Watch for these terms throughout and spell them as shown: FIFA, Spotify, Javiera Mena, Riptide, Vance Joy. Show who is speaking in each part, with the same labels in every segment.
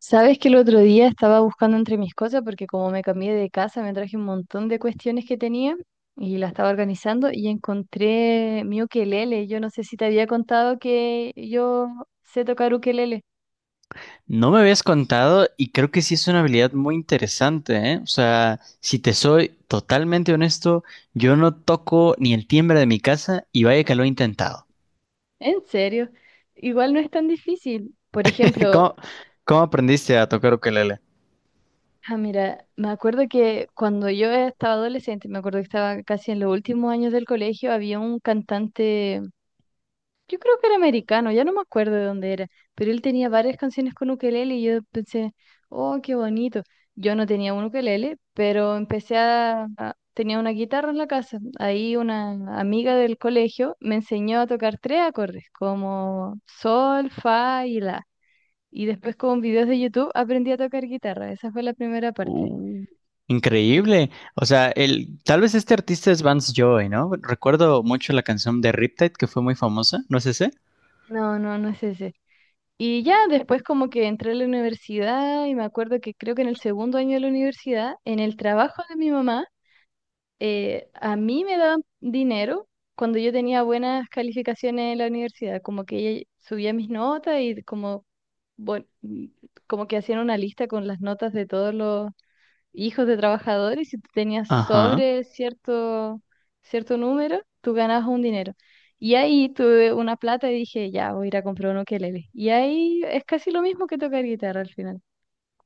Speaker 1: Sabes que el otro día estaba buscando entre mis cosas porque como me cambié de casa me traje un montón de cuestiones que tenía y la estaba organizando y encontré mi ukelele. Yo no sé si te había contado que yo sé tocar ukelele.
Speaker 2: No me habías contado y creo que sí es una habilidad muy interesante, ¿eh? O sea, si te soy totalmente honesto, yo no toco ni el timbre de mi casa y vaya que lo he intentado.
Speaker 1: En serio, igual no es tan difícil. Por ejemplo,
Speaker 2: ¿Cómo, cómo aprendiste a tocar ukelele?
Speaker 1: ah, mira, me acuerdo que cuando yo estaba adolescente, me acuerdo que estaba casi en los últimos años del colegio, había un cantante. Yo creo que era americano, ya no me acuerdo de dónde era, pero él tenía varias canciones con ukelele y yo pensé, oh, qué bonito. Yo no tenía un ukelele, pero tenía una guitarra en la casa. Ahí una amiga del colegio me enseñó a tocar tres acordes, como sol, fa y la. Y después con videos de YouTube aprendí a tocar guitarra. Esa fue la primera parte.
Speaker 2: Uh, Increíble. O sea, el, tal vez este artista es Vance Joy, ¿no? Recuerdo mucho la canción de Riptide que fue muy famosa, ¿no es ese?
Speaker 1: No, no, no es ese. Y ya después como que entré a la universidad y me acuerdo que creo que en el segundo año de la universidad, en el trabajo de mi mamá, a mí me daban dinero cuando yo tenía buenas calificaciones en la universidad, como que ella subía mis notas y como, bueno, como que hacían una lista con las notas de todos los hijos de trabajadores. Si tú tenías
Speaker 2: Ajá.
Speaker 1: sobre cierto número, tú ganabas un dinero. Y ahí tuve una plata y dije, ya, voy a ir a comprar un ukelele. Y ahí es casi lo mismo que tocar guitarra al final.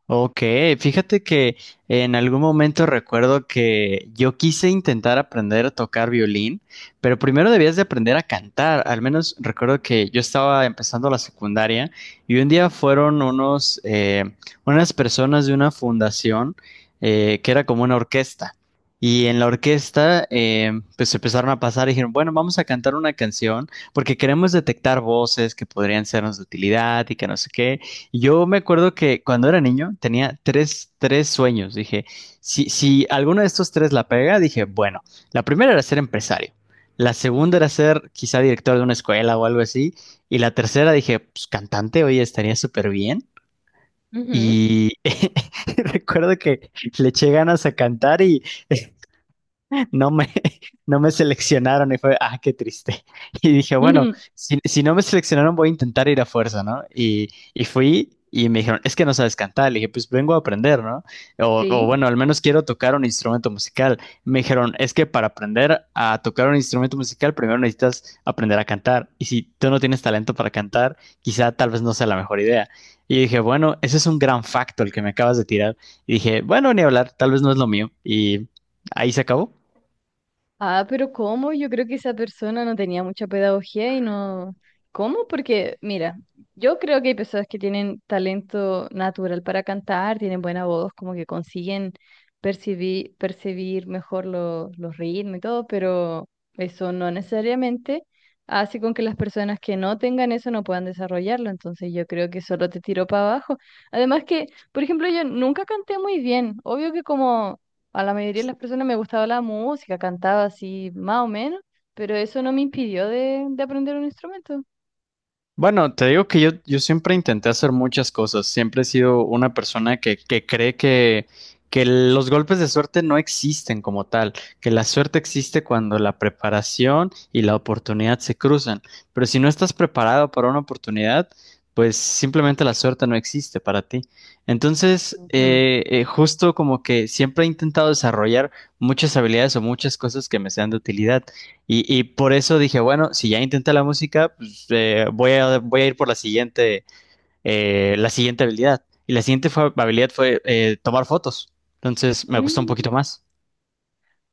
Speaker 2: Ok, fíjate que en algún momento recuerdo que yo quise intentar aprender a tocar violín, pero primero debías de aprender a cantar. Al menos recuerdo que yo estaba empezando la secundaria y un día fueron unos, unas personas de una fundación que era como una orquesta. Y en la orquesta, pues empezaron a pasar y dijeron, bueno, vamos a cantar una canción porque queremos detectar voces que podrían sernos de utilidad y que no sé qué. Yo me acuerdo que cuando era niño tenía tres sueños. Dije, si alguno de estos tres la pega, dije, bueno, la primera era ser empresario, la segunda
Speaker 1: Ujú.
Speaker 2: era ser quizá director de una escuela o algo así, y la tercera dije, pues cantante, oye, estaría súper bien.
Speaker 1: Ujú.
Speaker 2: Y recuerdo que le eché ganas a cantar y no me, no me seleccionaron y fue, ah, qué triste. Y dije, bueno, si no me seleccionaron voy a intentar ir a fuerza, ¿no? Y fui y me dijeron, es que no sabes cantar. Le dije, pues vengo a aprender, ¿no? O
Speaker 1: Sí.
Speaker 2: bueno, al menos quiero tocar un instrumento musical. Me dijeron, es que para aprender a tocar un instrumento musical primero necesitas aprender a cantar. Y si tú no tienes talento para cantar, quizá tal vez no sea la mejor idea. Y dije, bueno, ese es un gran facto el que me acabas de tirar. Y dije, bueno, ni hablar, tal vez no es lo mío. Y ahí se acabó.
Speaker 1: Ah, pero ¿cómo? Yo creo que esa persona no tenía mucha pedagogía y no... ¿Cómo? Porque, mira, yo creo que hay personas que tienen talento natural para cantar, tienen buena voz, como que consiguen percibir mejor los ritmos y todo, pero eso no necesariamente hace con que las personas que no tengan eso no puedan desarrollarlo. Entonces yo creo que solo te tiró para abajo. Además que, por ejemplo, yo nunca canté muy bien. Obvio que como a la mayoría de las personas me gustaba la música, cantaba así más o menos, pero eso no me impidió de aprender un instrumento.
Speaker 2: Bueno, te digo que yo siempre intenté hacer muchas cosas. Siempre he sido una persona que cree que los golpes de suerte no existen como tal, que la suerte existe cuando la preparación y la oportunidad se cruzan. Pero si no estás preparado para una oportunidad, pues simplemente la suerte no existe para ti. Entonces,
Speaker 1: Mm.
Speaker 2: justo como que siempre he intentado desarrollar muchas habilidades o muchas cosas que me sean de utilidad. Y por eso dije, bueno, si ya intenté la música, voy, a, voy a ir por la siguiente habilidad. Y la siguiente habilidad fue tomar fotos. Entonces me gustó un
Speaker 1: Mm.
Speaker 2: poquito más.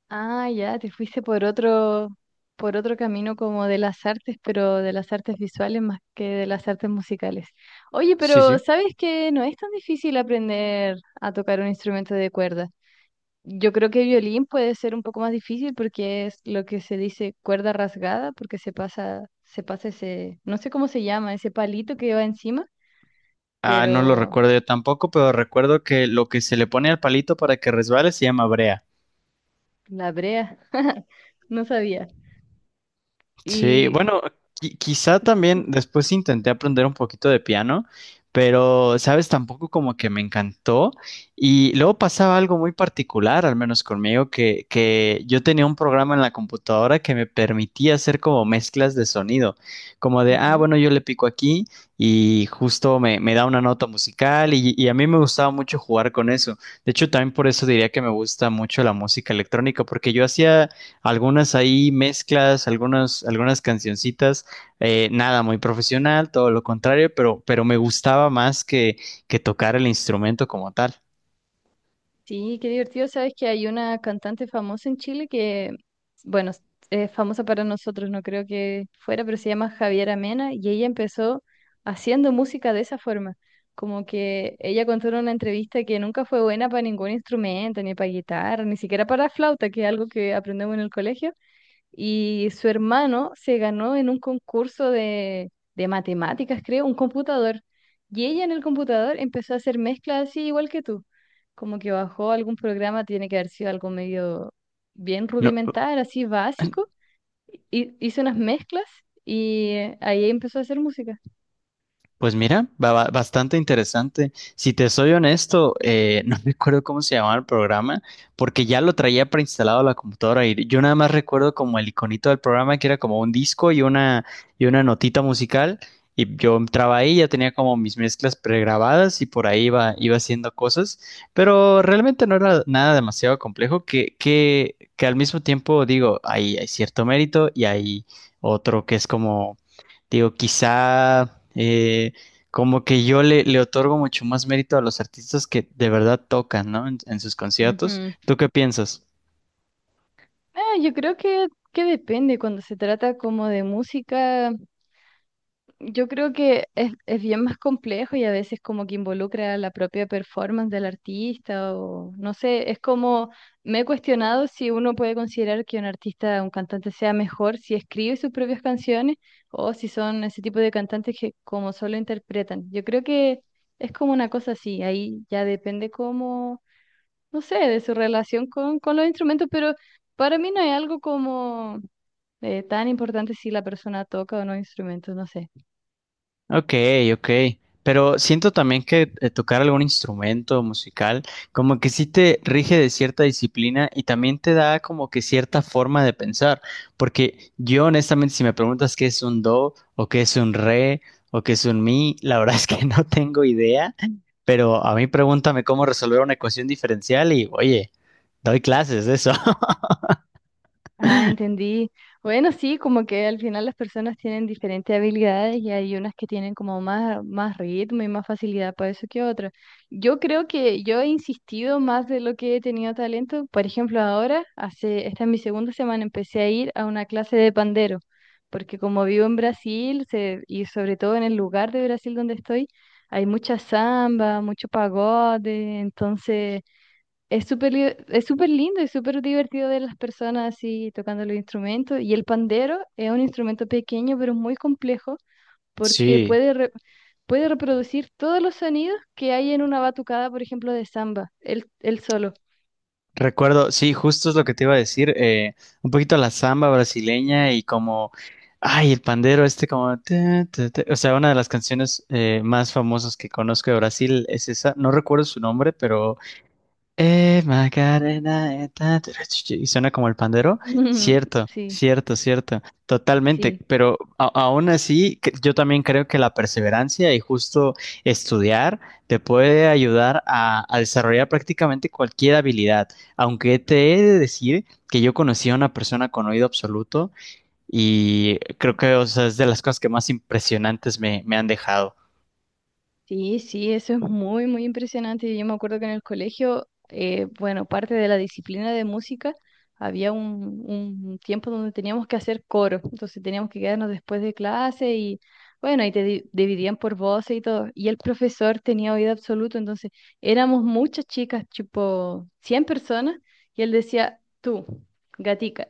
Speaker 1: Ah, ya, te fuiste por por otro camino como de las artes, pero de las artes visuales más que de las artes musicales. Oye,
Speaker 2: Sí,
Speaker 1: pero
Speaker 2: sí.
Speaker 1: ¿sabes que no es tan difícil aprender a tocar un instrumento de cuerda? Yo creo que violín puede ser un poco más difícil porque es lo que se dice cuerda rasgada, porque se pasa ese, no sé cómo se llama, ese palito que va encima,
Speaker 2: Ah, no lo
Speaker 1: pero
Speaker 2: recuerdo yo tampoco, pero recuerdo que lo que se le pone al palito para que resbale se llama brea.
Speaker 1: la brea, no sabía.
Speaker 2: Sí,
Speaker 1: Y
Speaker 2: bueno, quizá también después intenté aprender un poquito de piano, pero, sabes, tampoco como que me encantó. Y luego pasaba algo muy particular, al menos conmigo, que yo tenía un programa en la computadora que me permitía hacer como mezclas de sonido, como de, ah,
Speaker 1: Ujú.
Speaker 2: bueno, yo le pico aquí y justo me, me da una nota musical y a mí me gustaba mucho jugar con eso. De hecho, también por eso diría que me gusta mucho la música electrónica, porque yo hacía algunas ahí mezclas, algunas, algunas cancioncitas, nada muy profesional, todo lo contrario, pero me gustaba más que tocar el instrumento como tal.
Speaker 1: Sí, qué divertido. Sabes que hay una cantante famosa en Chile que, bueno, es famosa para nosotros, no creo que fuera, pero se llama Javiera Mena y ella empezó haciendo música de esa forma. Como que ella contó en una entrevista que nunca fue buena para ningún instrumento, ni para guitarra, ni siquiera para flauta, que es algo que aprendemos en el colegio, y su hermano se ganó en un concurso de matemáticas, creo, un computador. Y ella en el computador empezó a hacer mezclas así igual que tú, como que bajó algún programa, tiene que haber sido algo medio bien
Speaker 2: No,
Speaker 1: rudimentar, así básico, y hizo unas mezclas y ahí empezó a hacer música.
Speaker 2: pues mira, bastante interesante. Si te soy honesto, no recuerdo cómo se llamaba el programa, porque ya lo traía preinstalado a la computadora y yo nada más recuerdo como el iconito del programa que era como un disco y una notita musical y yo entraba ahí, ya tenía como mis mezclas pregrabadas y por ahí iba, iba haciendo cosas, pero realmente no era nada demasiado complejo que al mismo tiempo digo, hay cierto mérito y hay otro que es como digo, quizá como que yo le, le otorgo mucho más mérito a los artistas que de verdad tocan, ¿no? En sus conciertos.
Speaker 1: Ujú.
Speaker 2: ¿Tú qué piensas?
Speaker 1: Ah, yo creo que depende cuando se trata como de música. Yo creo que es bien más complejo y a veces como que involucra la propia performance del artista o no sé, es como me he cuestionado si uno puede considerar que un artista, un cantante sea mejor si escribe sus propias canciones o si son ese tipo de cantantes que como solo interpretan. Yo creo que es como una cosa así, ahí ya depende como, no sé, de su relación con los instrumentos, pero para mí no hay algo como tan importante si la persona toca o no instrumentos, no sé.
Speaker 2: Ok, ok. Pero siento también que tocar algún instrumento musical como que sí te rige de cierta disciplina y también te da como que cierta forma de pensar. Porque yo honestamente si me preguntas qué es un do o qué es un re o qué es un mi, la verdad es que no tengo idea. Pero a mí pregúntame cómo resolver una ecuación diferencial y oye, doy clases de eso.
Speaker 1: Ah, entendí. Bueno, sí, como que al final las personas tienen diferentes habilidades y hay unas que tienen como más ritmo y más facilidad para eso que otras. Yo creo que yo he insistido más de lo que he tenido talento. Por ejemplo, ahora, hace, esta es mi segunda semana, empecé a ir a una clase de pandero, porque como vivo en Brasil y sobre todo en el lugar de Brasil donde estoy, hay mucha samba, mucho pagode, entonces... Es súper lindo y súper divertido ver las personas así tocando los instrumentos. Y el pandero es un instrumento pequeño pero muy complejo porque
Speaker 2: Sí.
Speaker 1: puede reproducir todos los sonidos que hay en una batucada, por ejemplo, de samba, él solo.
Speaker 2: Recuerdo, sí, justo es lo que te iba a decir, un poquito la samba brasileña y como, ay, el pandero este como, ta, ta, ta. O sea, una de las canciones más famosas que conozco de Brasil es esa, no recuerdo su nombre, pero Macarena, ta, ta, ra, chu, chu, y suena como el pandero. Cierto,
Speaker 1: Sí,
Speaker 2: cierto, cierto, totalmente.
Speaker 1: sí.
Speaker 2: Pero aún así, yo también creo que la perseverancia y justo estudiar te puede ayudar a desarrollar prácticamente cualquier habilidad. Aunque te he de decir que yo conocí a una persona con oído absoluto y creo que, o sea, es de las cosas que más impresionantes me han dejado.
Speaker 1: Sí, sí, eso es muy impresionante. Yo me acuerdo que en el colegio, bueno, parte de la disciplina de música, había un tiempo donde teníamos que hacer coro, entonces teníamos que quedarnos después de clase y bueno, y dividían por voces y todo. Y el profesor tenía oído absoluto, entonces éramos muchas chicas, tipo 100 personas, y él decía, tú, gatica,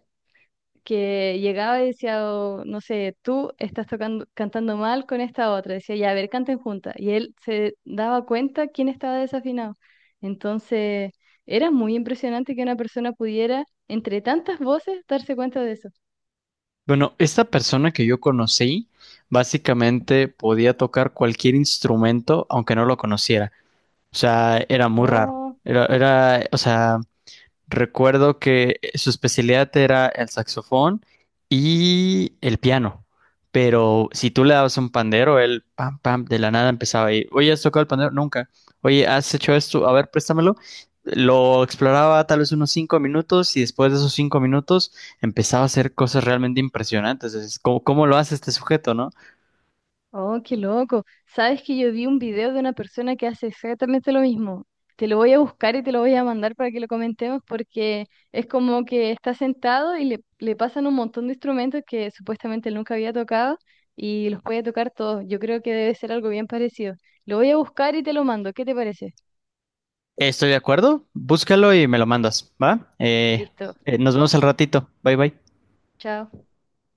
Speaker 1: que llegaba y decía, "Oh, no sé, tú estás cantando mal con esta otra". Decía, ya, a ver, canten juntas. Y él se daba cuenta quién estaba desafinado. Entonces, era muy impresionante que una persona pudiera, entre tantas voces, darse cuenta de eso.
Speaker 2: Bueno, esta persona que yo conocí básicamente podía tocar cualquier instrumento aunque no lo conociera. O sea, era muy raro.
Speaker 1: Oh.
Speaker 2: O sea, recuerdo que su especialidad era el saxofón y el piano. Pero si tú le dabas un pandero, él pam, pam, de la nada empezaba ahí. Oye, ¿has tocado el pandero? Nunca. Oye, ¿has hecho esto? A ver, préstamelo. Lo exploraba tal vez unos 5 minutos y después de esos 5 minutos empezaba a hacer cosas realmente impresionantes. Es como, ¿cómo lo hace este sujeto, no?
Speaker 1: Oh, qué loco. Sabes que yo vi un video de una persona que hace exactamente lo mismo. Te lo voy a buscar y te lo voy a mandar para que lo comentemos porque es como que está sentado y le pasan un montón de instrumentos que supuestamente él nunca había tocado y los puede tocar todos. Yo creo que debe ser algo bien parecido. Lo voy a buscar y te lo mando. ¿Qué te parece?
Speaker 2: Estoy de acuerdo. Búscalo y me lo mandas, ¿va?
Speaker 1: Listo.
Speaker 2: Nos vemos al ratito. Bye, bye.
Speaker 1: Chao.